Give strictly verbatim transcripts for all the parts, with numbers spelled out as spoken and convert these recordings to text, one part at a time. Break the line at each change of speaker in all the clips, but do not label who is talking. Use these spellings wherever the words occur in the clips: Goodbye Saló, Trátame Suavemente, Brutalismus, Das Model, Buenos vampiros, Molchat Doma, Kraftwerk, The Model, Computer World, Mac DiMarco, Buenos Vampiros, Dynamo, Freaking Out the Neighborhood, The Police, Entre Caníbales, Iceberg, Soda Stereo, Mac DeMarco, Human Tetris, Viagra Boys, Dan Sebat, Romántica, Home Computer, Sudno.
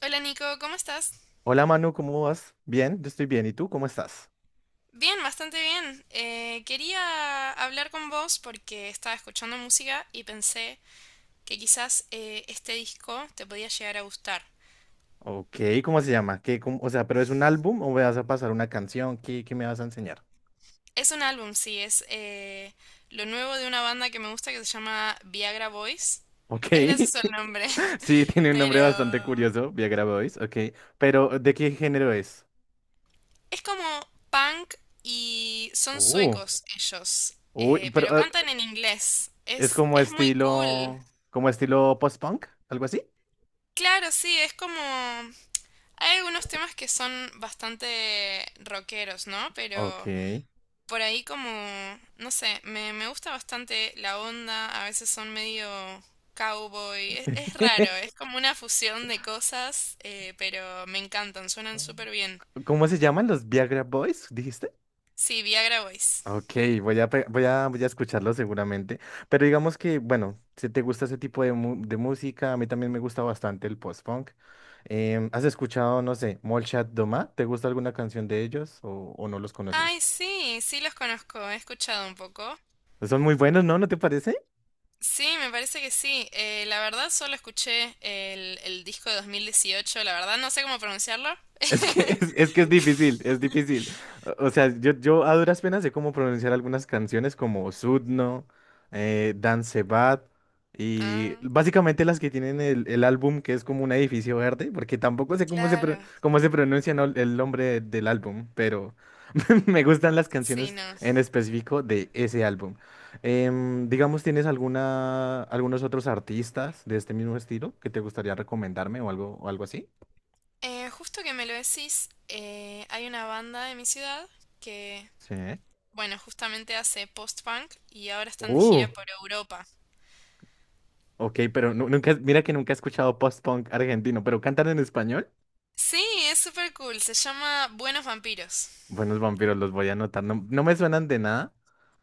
Hola Nico, ¿cómo estás?
Hola Manu, ¿cómo vas? Bien, yo estoy bien. ¿Y tú cómo estás?
Bien, bastante bien. Eh, quería hablar con vos porque estaba escuchando música y pensé que quizás eh, este disco te podía llegar a gustar.
Ok, ¿cómo se llama? ¿Qué, cómo- o sea, ¿pero es un álbum o me vas a pasar una canción? ¿Qué, qué me vas a enseñar?
Es un álbum, sí, es eh, lo nuevo de una banda que me gusta que se llama Viagra Boys.
Ok,
Es gracioso el nombre,
sí, tiene un nombre bastante
pero
curioso, Viagra Boys, ok. Pero, ¿de qué género es?
es como punk y son
Uh,
suecos ellos,
uy,
eh,
pero
pero
ah,
cantan en inglés.
es
Es,
como
es muy cool.
estilo, como estilo post-punk, algo así.
Claro, sí, es como hay algunos temas que son bastante rockeros, ¿no?
Ok.
Pero por ahí como, no sé, me, me gusta bastante la onda, a veces son medio cowboy, es, es raro, es como una fusión de cosas, eh, pero me encantan, suenan súper bien.
¿Cómo se llaman los Viagra Boys, dijiste?
Sí, Viagra Boys.
Ok, voy a, pe- voy a, voy a escucharlo seguramente. Pero digamos que, bueno, si te gusta ese tipo de, mu- de música, a mí también me gusta bastante el post-punk. Em, ¿has escuchado, no sé, Molchat Doma? ¿Te gusta alguna canción de ellos o, o no los
Ay,
conoces?
sí, sí los conozco, he escuchado un poco.
Son muy buenos, ¿no? ¿No te parece?
Sí, me parece que sí. Eh, la verdad solo escuché el, el disco de dos mil dieciocho, la verdad no sé cómo pronunciarlo.
Es que es, es que es difícil, es difícil. O o sea, yo, yo a duras penas sé cómo pronunciar algunas canciones como Sudno, eh, Dan Sebat, y
Ah,
básicamente las que tienen el, el álbum que es como un edificio verde, porque tampoco sé cómo se, pro-
claro.
cómo se pronuncia no- el nombre del álbum, pero me gustan las
Sí,
canciones
no.
en específico de ese álbum. Em, digamos, ¿tienes alguna, algunos otros artistas de este mismo estilo que te gustaría recomendarme o algo, o algo así?
Eh, justo que me lo decís, eh, hay una banda de mi ciudad que,
Sí.
bueno, justamente hace post-punk y ahora están de
Uh.
gira por Europa.
Ok, pero nu- nunca, mira que nunca he escuchado post-punk argentino, pero ¿cantan en español?
Sí, es súper cool, se llama Buenos Vampiros.
Buenos vampiros, los voy a anotar. No, no me suenan de nada,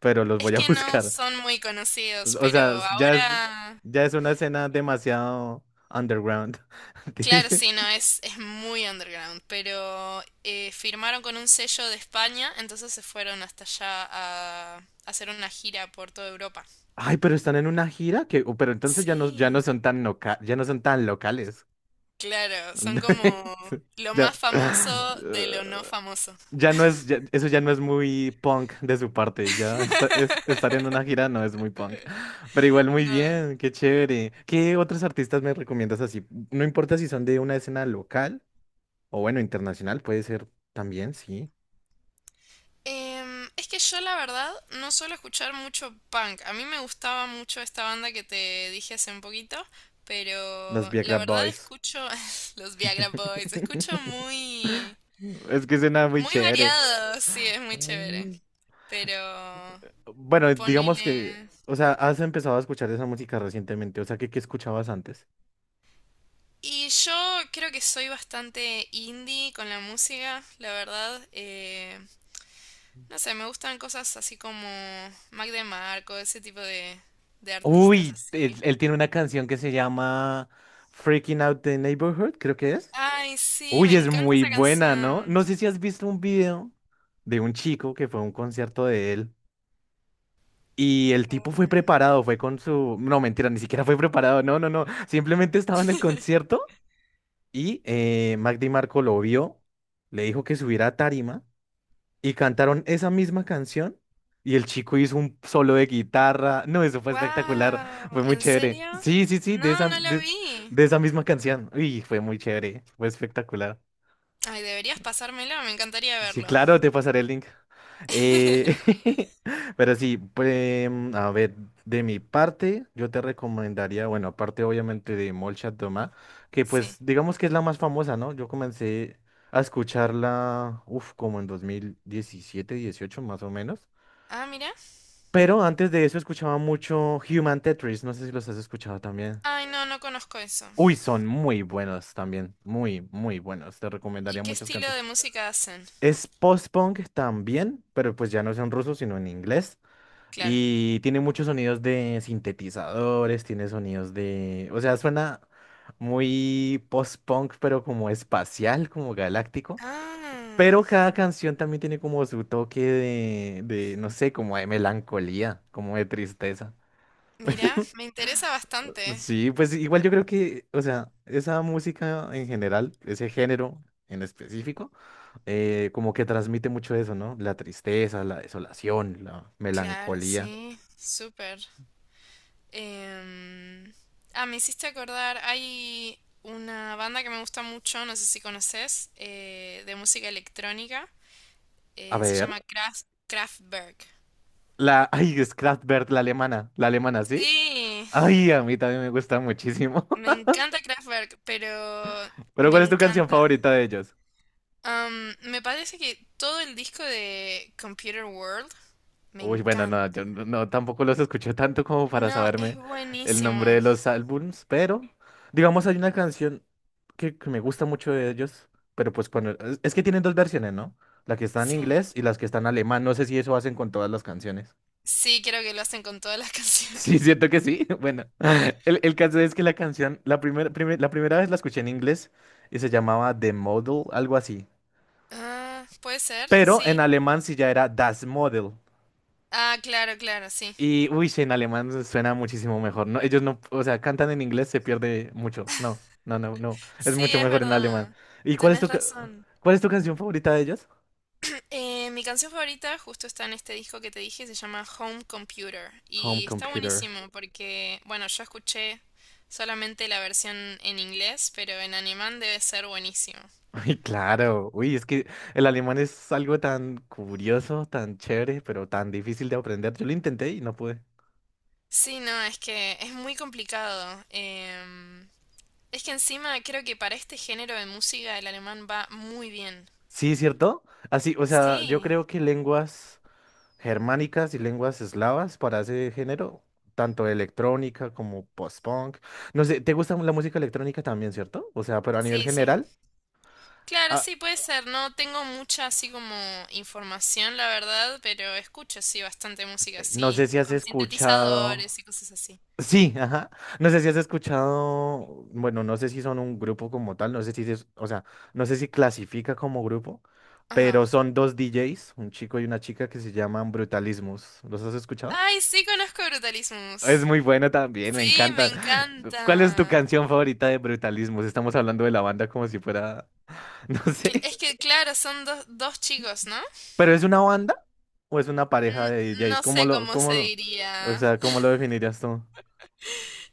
pero los
Es
voy a
que no
buscar.
son muy conocidos,
O o
pero
sea, ya es,
ahora...
ya es una escena demasiado underground.
Claro,
Ti-
sí, no, es, es muy underground, pero eh, firmaron con un sello de España, entonces se fueron hasta allá a hacer una gira por toda Europa.
Ay, pero están en una gira que, oh, pero entonces ya no, ya no
Sí.
son tan loca- ya no son tan locales.
Claro, son como lo más
Ya.
famoso de lo no famoso.
Ya no es, ya- eso ya no es muy punk de su parte, ya esta- es- estar en una gira no es muy punk, pero igual muy
No.
bien, qué chévere. ¿Qué otros artistas me recomiendas así? No importa si son de una escena local o bueno, internacional, puede ser también, sí.
Em, es que yo la verdad no suelo escuchar mucho punk. A mí me gustaba mucho esta banda que te dije hace un poquito,
Los
pero la
Viagra
verdad
Boys.
escucho los Viagra Boys, escucho muy
Es que suena muy
muy
chévere.
variado, sí, es
Ah.
muy chévere, pero
Bueno, digamos que,
ponele
o sea, has empezado a escuchar esa música recientemente, o sea, ¿qué, qué escuchabas antes?
y yo creo que soy bastante indie con la música, la verdad. eh, No sé, me gustan cosas así como Mac DeMarco, ese tipo de, de artistas
Uy, él,
así.
él tiene una canción que se llama Freaking Out the Neighborhood, creo que es.
Ay, sí, me
Uy, es
encanta
muy
esa
buena, ¿no?
canción.
No sé si has visto un video de un chico que fue a un concierto de él y el tipo fue preparado, fue con su... No, mentira, ni siquiera fue preparado, no, no, no. Simplemente estaba en el concierto y eh, Mac DiMarco lo vio, le dijo que subiera a tarima y cantaron esa misma canción y el chico hizo un solo de guitarra. No, eso fue espectacular,
Wow,
fue muy
¿en
chévere.
serio?
Sí, sí, sí, de
No,
esa,
no lo
de,
vi.
de esa misma canción. Uy, fue muy chévere, fue espectacular.
Ay, deberías pasármelo, me encantaría
Sí,
verlo.
claro, te pasaré el link. Eh, pero sí, pues, mm, a ver, de mi parte, yo te recomendaría, bueno, aparte obviamente de Molchat Doma, que pues
Sí.
digamos que es la más famosa, ¿no? Yo comencé a escucharla, uff, como en dos mil diecisiete dieciocho más o menos.
Ah, mira.
Pero antes de eso escuchaba mucho Human Tetris, no sé si los has escuchado también.
Ay, no, no conozco eso.
Uy, son muy buenos también, muy, muy buenos. Te recomendaría
¿Y qué
muchas
estilo
canciones.
de música hacen?
Es post-punk también, pero pues ya no es en ruso, sino en inglés.
Claro.
Y tiene muchos sonidos de sintetizadores, tiene sonidos de... O sea, suena muy post-punk, pero como espacial, como galáctico. Pero
Ah,
cada canción también tiene como su toque de, de, no sé, como de melancolía, como de tristeza.
mira, me interesa bastante.
Sí, pues igual yo creo que, o sea, esa música en general, ese género en específico, eh, como que transmite mucho eso, ¿no? La tristeza, la desolación, la
Claro,
melancolía.
sí, súper. Em, ah, me hiciste acordar, hay una banda que me gusta mucho, no sé si conoces, eh, de música electrónica,
A
eh, se
ver,
llama Kraft- Kraftwerk.
la, ay, es Kraftwerk, la alemana, la alemana, ¿sí?
Sí,
Ay, a mí también me gusta muchísimo.
me encanta Kraftwerk, pero
Pero
me
¿cuál es tu canción
encanta.
favorita de ellos?
Am, me parece que todo el disco de Computer World me
Uy, bueno, no,
encanta.
yo no, no, tampoco los escuché tanto como para
No, es
saberme el
buenísimo.
nombre de los álbums, pero digamos hay una canción que, que me gusta mucho de ellos, pero pues con el- es es que tienen dos versiones, ¿no? La que está en
Sí,
inglés y las que están en alemán, no sé si eso hacen con todas las canciones.
sí, creo que lo hacen con todas las canciones.
Sí, siento que sí. Bueno, el, el caso es que la canción, la primera la primera vez la escuché en inglés y se llamaba The Model, algo así.
Ah, puede ser,
Pero en
sí.
alemán sí ya era Das Model.
Ah, claro, claro, sí.
Y, uy, sí, en alemán suena muchísimo mejor. No, ellos no, o sea, cantan en inglés, se pierde mucho. No, no, no, no. Es
Sí,
mucho
es
mejor en alemán.
verdad.
¿Y cuál es tu,
Tenés
ca-
razón.
cuál es tu canción favorita de ellos?
Eh, mi canción favorita justo está en este disco que te dije, se llama Home Computer.
Home
Y está
Computer.
buenísimo porque, bueno, yo escuché solamente la versión en inglés, pero en alemán debe ser buenísimo.
Uy, claro. Uy, es que el alemán es algo tan curioso, tan chévere, pero tan difícil de aprender. Yo lo intenté y no pude.
Sí, no, es que es muy complicado. Em, es que encima creo que para este género de música el alemán va muy bien.
Sí, ¿cierto? Así, o sea, yo
Sí,
creo que lenguas germánicas y lenguas eslavas para ese género, tanto electrónica como post-punk. No sé, ¿te gusta la música electrónica también, cierto? O sea, pero a nivel
sí, sí.
general,
Claro,
ah,
sí, puede ser. No tengo mucha así como información, la verdad, pero escucho sí bastante música
eh, no sé
así,
si has
con
escuchado...
sintetizadores y cosas así.
Sí, ajá. No sé si has escuchado, bueno, no sé si son un grupo como tal, no sé si es, o sea, no sé si clasifica como grupo,
Ajá.
pero son dos D Js, un chico y una chica que se llaman Brutalismus. ¿Los has escuchado?
Ay, sí conozco
Es
Brutalismus.
muy bueno también, me
Sí, me
encanta. Cu- ¿Cuál es tu
encanta.
canción favorita de Brutalismo? Si estamos hablando de la banda como si fuera, no
Cl-
sé.
Es que, claro, son dos, dos chicos, ¿no?
¿Pero es una banda o es una pareja
N-
de D Js?
no
¿Cómo
sé
lo,
cómo
cómo
se
lo, o
diría.
sea, cómo lo definirías tú?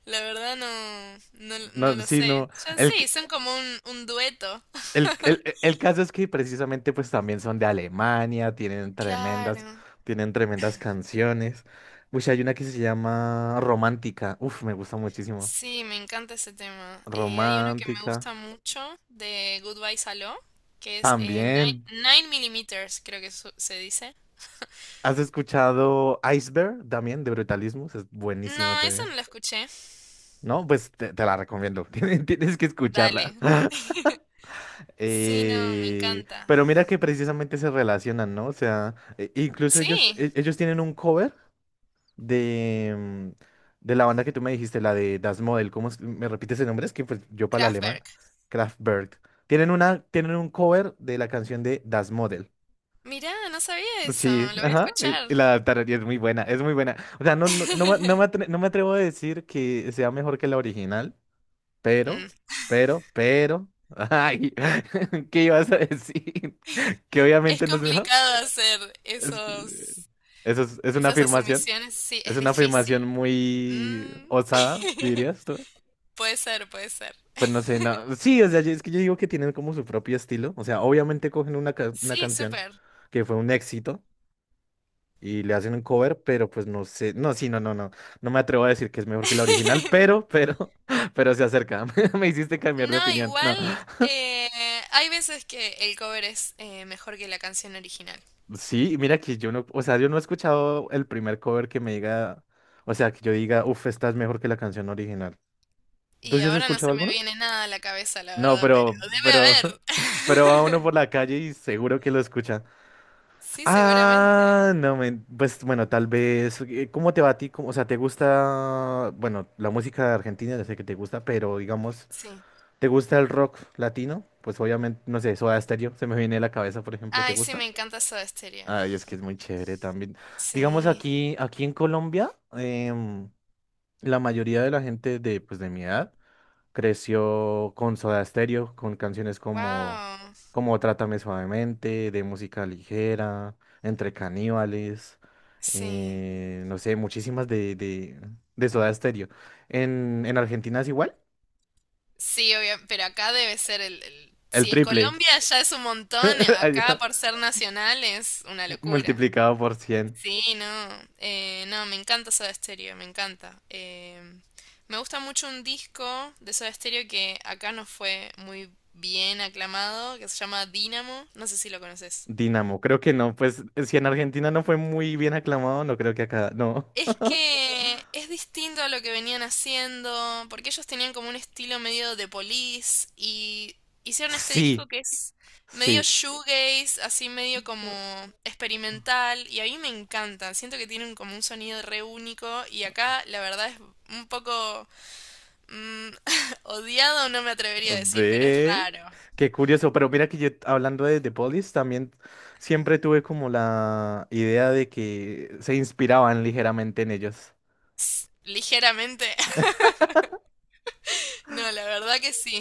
La verdad no, no, no
No,
lo
sí,
sé.
no.
Ya
El,
sí,
c-
son como un, un dueto.
el, el, el el caso es que precisamente pues también son de Alemania, tienen tremendas,
Claro.
tienen tremendas canciones. Uy, hay una que se llama Romántica. Uf, me gusta muchísimo.
Sí, me encanta ese tema. Eh, hay uno que me
Romántica.
gusta mucho de Goodbye Saló, que es eh,
También.
nueve milímetros, creo que su- se dice.
¿Has escuchado Iceberg también de Brutalismus? Es buenísima
No, eso
también.
no lo escuché.
No, pues te, te la recomiendo. Tienes, tienes que
Dale.
escucharla.
Sí, no, me
Eh,
encanta.
pero mira que precisamente se relacionan, ¿no? O sea, e- incluso ellos,
Sí,
e- ellos tienen un cover de, mm, de la banda que tú me dijiste, la de Das Model. ¿Cómo es- me repites el nombre? Es que pues, yo para el alemán,
Kraftwerk.
Kraftwerk. Tienen una, tienen un cover de la canción de Das Model.
Mirá, no sabía eso,
Sí,
lo voy a
ajá, y
escuchar.
y la tararía es muy buena, es muy buena. O sea, no, no, no, me no me atre- no me atrevo a decir que sea mejor que la original,
Mm.
pero, pero, pero, ay, ¿qué ibas a decir? Que
Es
obviamente no es mejor.
complicado hacer
Es que-
esos,
eso es, es una
esas
afirmación,
asumiciones, sí,
es
es
una afirmación
difícil.
muy
Mm.
osada, dirías tú.
Puede ser, puede ser.
Pues no sé, no. Sí, o sea, yo- es que yo digo que tienen como su propio estilo. O sea, obviamente cogen una, ca- una
Sí,
canción
súper.
que fue un éxito. y le hacen un cover, pero pues no sé, no, sí, no, no, no, no me atrevo a decir que es mejor que la original, pero, pero, pero se acerca, me hiciste cambiar de
No,
opinión, no,
igual eh, hay veces que el cover es eh, mejor que la canción original.
sí, mira que yo no, o sea, yo no he escuchado el primer cover que me diga, o sea, que yo diga, uff, esta es mejor que la canción original, ¿tú
Y
sí has
ahora no se
escuchado
me
alguno?
viene nada a la cabeza, la
No,
verdad, pero
pero,
debe
pero, pero va uno
haber.
por la calle y seguro que lo escucha,
Sí, seguramente.
Ah, no, men- pues bueno, tal vez. eh, ¿Cómo te va a ti? ¿Cómo- o sea, ¿te gusta, bueno, la música de Argentina? Ya sé que te gusta, pero digamos,
Sí.
¿te gusta el rock latino? Pues obviamente, no sé, Soda Stereo, se me viene a la cabeza, por ejemplo, ¿te
Ay, sí,
gusta?
me encanta Soda Stereo.
Ay, es que es muy chévere también. Digamos,
Sí.
aquí, aquí en Colombia, em, la mayoría de la gente de, pues, de mi edad. creció con Soda Stereo, con canciones como,
Wow.
como Trátame Suavemente, de música ligera, Entre Caníbales,
Sí.
eh, no sé, muchísimas de, de, de Soda Stereo. En, en Argentina es igual,
Sí, obvio, pero acá debe ser el, el-
el
Si en
triple,
Colombia ya es un montón, acá
allá,
por ser nacional es una locura.
multiplicado por cien
Sí, no, eh, no, me encanta Soda Stereo, me encanta. Em, me gusta mucho un disco de Soda Stereo que acá no fue muy bien aclamado, que se llama Dynamo, no sé si lo conoces.
Dynamo, creo que no, pues si en Argentina no fue muy bien aclamado, no creo que acá, no.
Es que es distinto a lo que venían haciendo, porque ellos tenían como un estilo medio de Police y hicieron este disco
Sí,
que es medio
sí.
shoegaze, así medio como experimental y a mí me encanta, siento que tienen como un sonido re único y acá la verdad es un poco mm, odiado, no me atrevería a decir, pero es
Ve,
raro.
qué curioso, pero mira que yo hablando de The Police también siempre tuve como la idea de que se inspiraban ligeramente en ellos.
Ligeramente. No, la verdad que sí.